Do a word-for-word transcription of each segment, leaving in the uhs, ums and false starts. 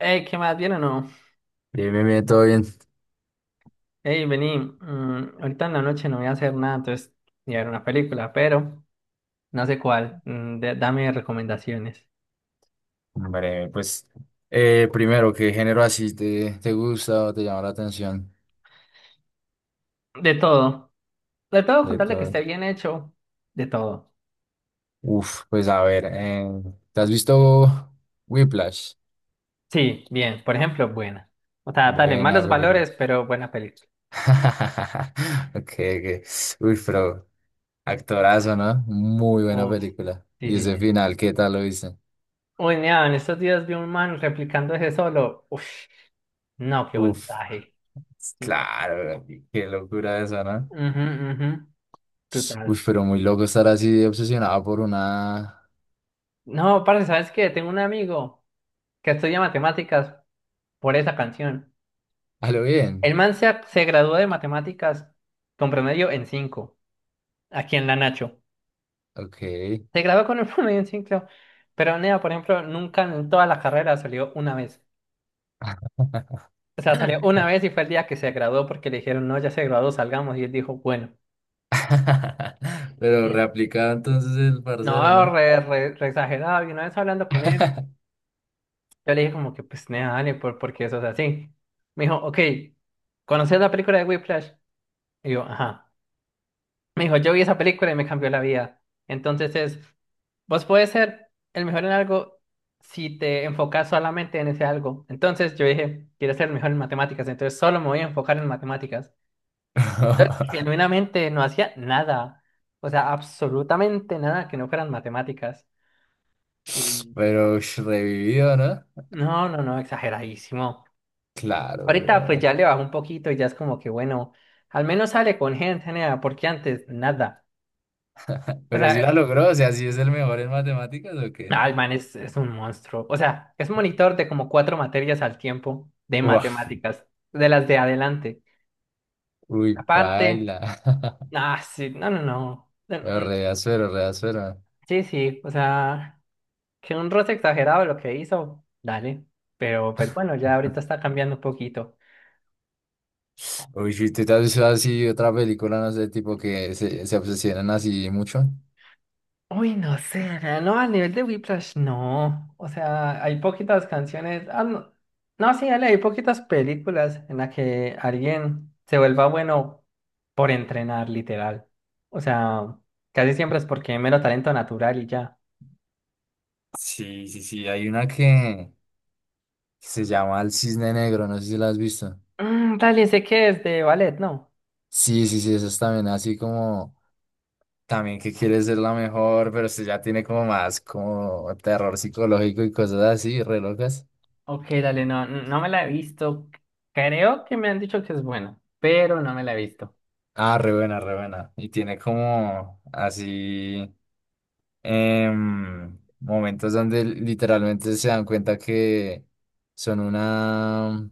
Ey, ¿qué más? ¿Bien o no? Bien, bien, bien, todo bien. Ey, vení, mm, ahorita en la noche no voy a hacer nada, entonces voy a ver una película, pero no sé cuál. Mm, de- dame recomendaciones. Hombre, pues, eh, primero, ¿qué género así te, te gusta o te llama la atención De todo. De todo, de contarle que todo? esté bien hecho. De todo. Uf, pues a ver, eh, ¿te has visto Whiplash? Sí, bien. Por ejemplo, buena. O sea, dale, Buena malos película. valores, pero buena película. Ok, ok. Uy, pero actorazo, ¿no? Muy buena Uf, película. sí, Y sí, ese sí. final, ¿qué tal lo viste? Uy, mira, en estos días vi un man replicando ese solo. Uf, no, qué Uf, voltaje. Mm, claro, qué locura eso, ¿no? ujú, ujú, total. Uy, pero muy loco estar así obsesionado por una... No, parce, ¿sabes qué? Tengo un amigo que estudia matemáticas por esa canción. A lo bien. El man se, se graduó de matemáticas con promedio en cinco. Aquí en la Nacho. Ok. Se graduó con un promedio en cinco, pero Nea, por ejemplo, nunca en toda la carrera salió una vez. O sea, salió una vez y fue el día que se graduó porque le dijeron, no, ya se graduó, salgamos. Y él dijo, bueno. Pero Bien. reaplicado entonces el parcero, No, ¿no? re, re- re exagerado. Y una vez hablando con él, yo le dije como que, pues, Nea, dale, por, porque eso es así. Me dijo, ok, ¿conoces la película de Whiplash? Y yo, ajá. Me dijo, yo vi esa película y me cambió la vida. Entonces es, vos puedes ser el mejor en algo si te enfocas solamente en ese algo. Entonces yo dije, quiero ser el mejor en matemáticas, entonces solo me voy a enfocar en matemáticas. Entonces, genuinamente no hacía nada, o sea, absolutamente nada que no fueran matemáticas. Y Pero ush, revivido, ¿no? no, no, no, exageradísimo. Claro, Ahorita pues weón. ya le bajó un poquito y ya es como que bueno, al menos sale con gente, nea, porque antes nada. O Pero sí sea, la logró, o sea, ¿sí es el mejor en matemáticas o qué? ah, el man es, es un monstruo. O sea, es monitor de como cuatro materias al tiempo de Uf, matemáticas, de las de adelante. uy, Aparte, paila. ah, sí, no, no, no. Eh, Pero mm, re azuero, re azuero. Sí, sí, o sea, que un roce exagerado lo que hizo, dale. Pero pues bueno, ya ahorita está cambiando un poquito. Uy, si tú te has visto así otra película, no sé, tipo que se, se obsesionan así mucho. Uy, no sé, na- no, a nivel de Whiplash, no. O sea, hay poquitas canciones. Ah, no. No, sí, dale, hay poquitas películas en las que alguien se vuelva bueno por entrenar, literal. O sea, casi siempre es porque hay mero talento natural y ya. Sí, sí, sí, hay una que que se llama El Cisne Negro, no sé si la has visto. Mm, dale, sé que es de ballet, ¿no? Sí, sí, sí, eso es también así como también que quiere ser la mejor, pero se ya tiene como más como terror psicológico y cosas así, re locas. Ok, dale, no, no me la he visto. Creo que me han dicho que es buena, pero no me la he visto. Ah, re buena, re buena. Y tiene como así em, momentos donde literalmente se dan cuenta que son una,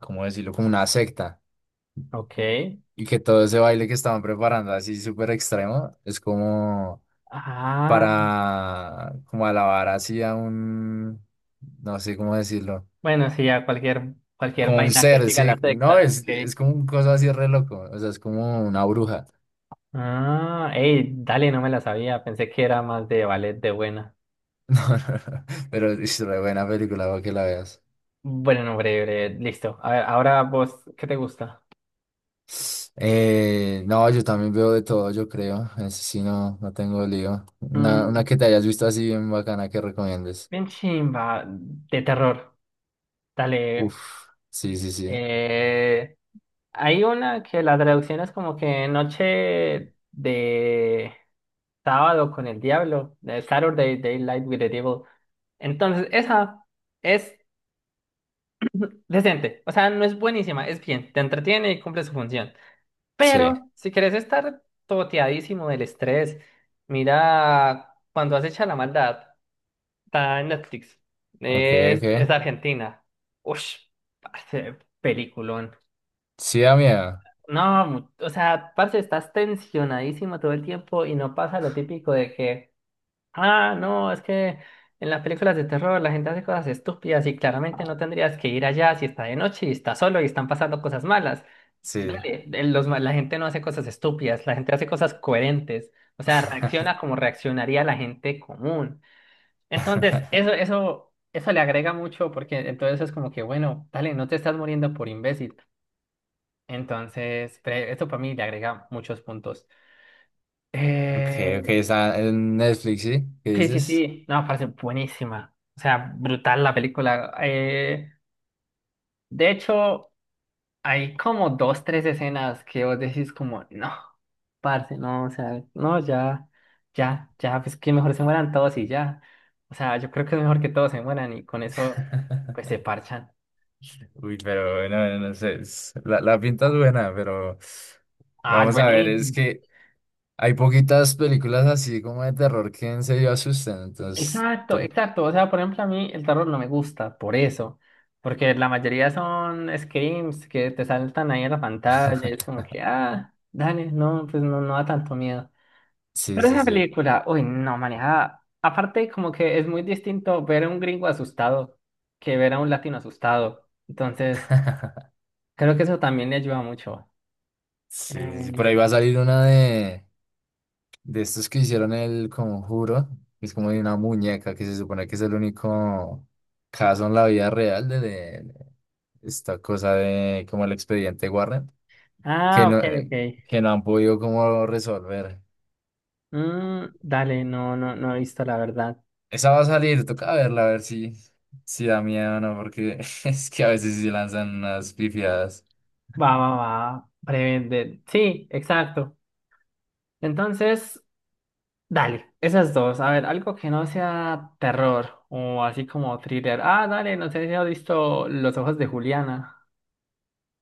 ¿cómo decirlo? Como una secta. Ok. Y que todo ese baile que estaban preparando así súper extremo es como Ah, para como alabar así a un, no sé cómo decirlo, bueno, sí, ya cualquier, cualquier como un vaina que ser, siga la sí, no, secta, es, ok. es como un cosa así re loco, o sea, es como una bruja, Ah, hey, dale, no me la sabía. Pensé que era más de ballet de buena. no, no, no, pero es re buena película para que la veas. Bueno, no, breve, breve, listo. A ver, ahora vos, ¿qué te gusta? Eh, no, yo también veo de todo, yo creo, es, sí, no, no tengo lío. Una, una Mm, que te hayas visto así bien bacana que recomiendes. bien chimba, de terror. Dale. Uf, sí, sí, sí, eh, hay una que la traducción es como que noche de sábado con el diablo, de Saturday Daylight with the Devil. Entonces, esa es decente. O sea, no es buenísima, es bien. Te entretiene y cumple su función. sí, Pero si querés estar toteadísimo del estrés, mira cuando acecha la maldad, está en Netflix. ok, Es, ok, es de Argentina. Ush, parce, peliculón. sí da miedo, No, mu- o sea, parce, estás tensionadísimo todo el tiempo y no pasa lo típico de que, ah, no, es que en las películas de terror la gente hace cosas estúpidas y claramente no tendrías que ir allá si está de noche y está solo y están pasando cosas malas. sí. Dale, el- los ma- la gente no hace cosas estúpidas, la gente hace cosas coherentes, o sea, reacciona como reaccionaría la gente común. Entonces, eso, eso, eso le agrega mucho porque entonces es como que, bueno, dale, no te estás muriendo por imbécil. Entonces, pre- esto para mí le agrega muchos puntos. Ok, ok, Eh, está en Netflix, ¿sí? ¿Qué sí, sí, dices? sí, no, parece buenísima, o sea, brutal la película. Eh, de hecho, hay como dos, tres escenas que vos decís como, no. Parce, no, o sea, no, ya, ya, ya, pues que mejor se mueran todos y ya. O sea, yo creo que es mejor que todos se mueran y con eso, pues se parchan. Uy, pero no, no sé, es- la, la pinta es buena, pero Ah, es vamos a ver, es buenísimo. que hay poquitas películas así como de terror que en serio asustan, entonces... Exacto, te- exacto. O sea, por ejemplo, a mí el terror no me gusta, por eso. Porque la mayoría son screams que te saltan ahí en la pantalla. Y es como que, ah, dale, no, pues no, no da tanto miedo. Sí, Pero sí, esa sí. película, uy, no, manejada. Aparte, como que es muy distinto ver a un gringo asustado que ver a un latino asustado. Entonces, creo que eso también le ayuda mucho. Sí, sí, por Eh, ahí va a salir una de, de estos que hicieron el conjuro, que es como de una muñeca que se supone que es el único caso en la vida real de, de- de esta cosa de como el expediente Warren. Que ah, no, ok, eh, ok. que no han podido como resolver. Mm, dale, no, no, no he visto la verdad. Esa va a salir, toca verla, a ver si, si da miedo o no, porque es que a veces sí lanzan unas pifiadas. Va, va, va. Breve, de- Sí, exacto. Entonces, dale, esas dos. A ver, algo que no sea terror o así como thriller. Ah, dale, no sé si has visto Los ojos de Juliana.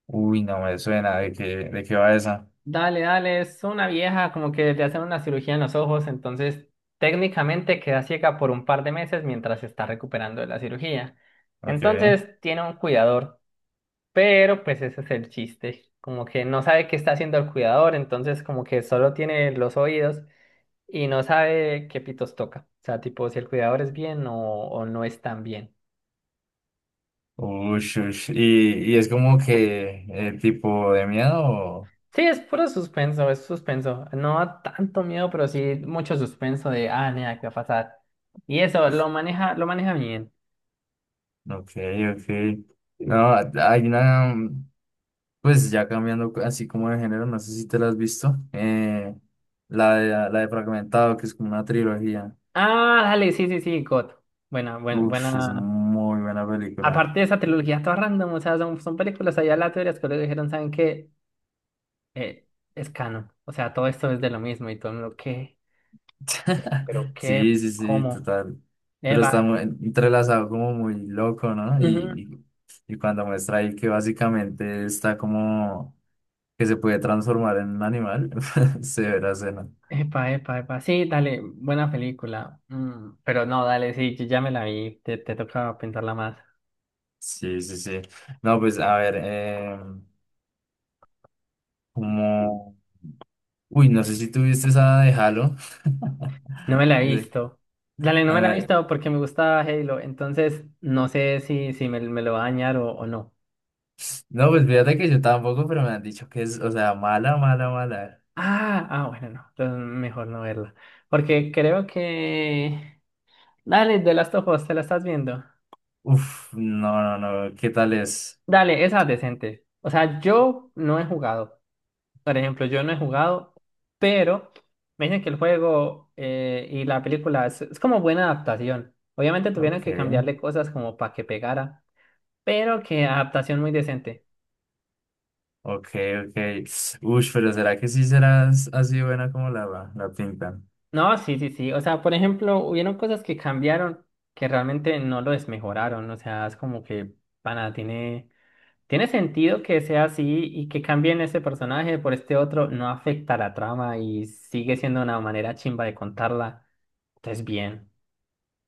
Uy, no me suena, ¿de qué, de qué va esa? Dale, dale, es una vieja como que le hacen una cirugía en los ojos, entonces técnicamente queda ciega por un par de meses mientras se está recuperando de la cirugía. Ok. Entonces tiene un cuidador, pero pues ese es el chiste, como que no sabe qué está haciendo el cuidador, entonces como que solo tiene los oídos y no sabe qué pitos toca. O sea, tipo si el cuidador es bien o, o no es tan bien. Ush, ush. ¿Y, y es como que el tipo de miedo? O- Sí, es puro suspenso, es suspenso. No da tanto miedo, pero sí mucho suspenso de, ah, nada, ¿qué va a pasar? Y eso, lo maneja, lo maneja bien. Ok, ok. No, hay una, pues ya cambiando así como de género, no sé si te la has visto. eh, la de, la de Fragmentado, que es como una trilogía. Ah, dale, sí, sí, sí, God. Buena, buena, Uf, es buena. muy buena película. Aparte de esa trilogía, toda random, o sea, son, son películas allá aleatorias que le dijeron, ¿saben qué? Eh, es canon. O sea, todo esto es de lo mismo y todo el mundo, ¿qué? ¿Pero qué? Sí, sí, sí, ¿Cómo? total. Pero está Eva. muy entrelazado como muy loco, ¿no? Ujú. Y, y cuando muestra ahí que básicamente está como que se puede transformar en un animal, se verá cena. Epa, epa, epa. Sí, dale, buena película. Mm, pero no, dale, sí, yo ya me la vi, te, te toca pensarla más. Sí, sí, sí. No, pues a ver, eh, como... Uy, no sé si tuviste esa de Halo. No me la he De- visto. Dale, no A me la he ver, visto porque me gusta Halo, entonces no sé si, si me, me lo va a dañar o, o no. no, pues fíjate que yo tampoco, pero me han dicho que es, o sea, mala, mala, mala. Ah, ah, bueno, no, entonces mejor no verla. Porque creo que... Dale, The Last of Us, ¿te la estás viendo? Uf, no, no, no, ¿qué tal es? Dale, esa es decente. O sea, yo no he jugado. Por ejemplo, yo no he jugado, pero me dicen que el juego eh, y la película es, es como buena adaptación. Obviamente tuvieron Ok, que cambiarle cosas como para que pegara, pero que adaptación muy decente. ok, ok. Uy, pero ¿será que sí serás así buena como la, la pintan? No, sí, sí, sí. O sea, por ejemplo, hubieron cosas que cambiaron que realmente no lo desmejoraron. O sea, es como que, pana, tiene, tiene sentido que sea así y que cambien ese personaje por este otro no afecta la trama y sigue siendo una manera chimba de contarla. Entonces, bien.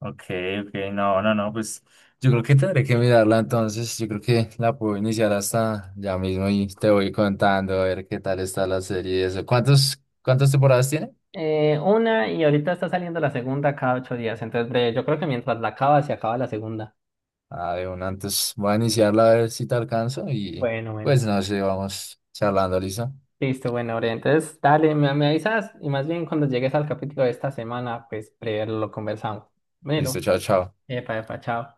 Ok, ok, no, no, no, pues yo creo que tendré que mirarla entonces. Yo creo que la puedo iniciar hasta ya mismo y te voy contando a ver qué tal está la serie y eso. ¿Cuántos, cuántas temporadas tiene? Eh, una y ahorita está saliendo la segunda cada ocho días. Entonces, breve, yo creo que mientras la acaba, se acaba la segunda. Ah, de una, antes voy a iniciarla a ver si te alcanzo y Bueno, bueno. pues no sé, vamos charlando, ¿listo? Listo, bueno, Ore, entonces dale, me, me avisas y más bien cuando llegues al capítulo de esta semana, pues primero lo conversamos. Bueno, Listo, chao, chao. epa, epa, chao.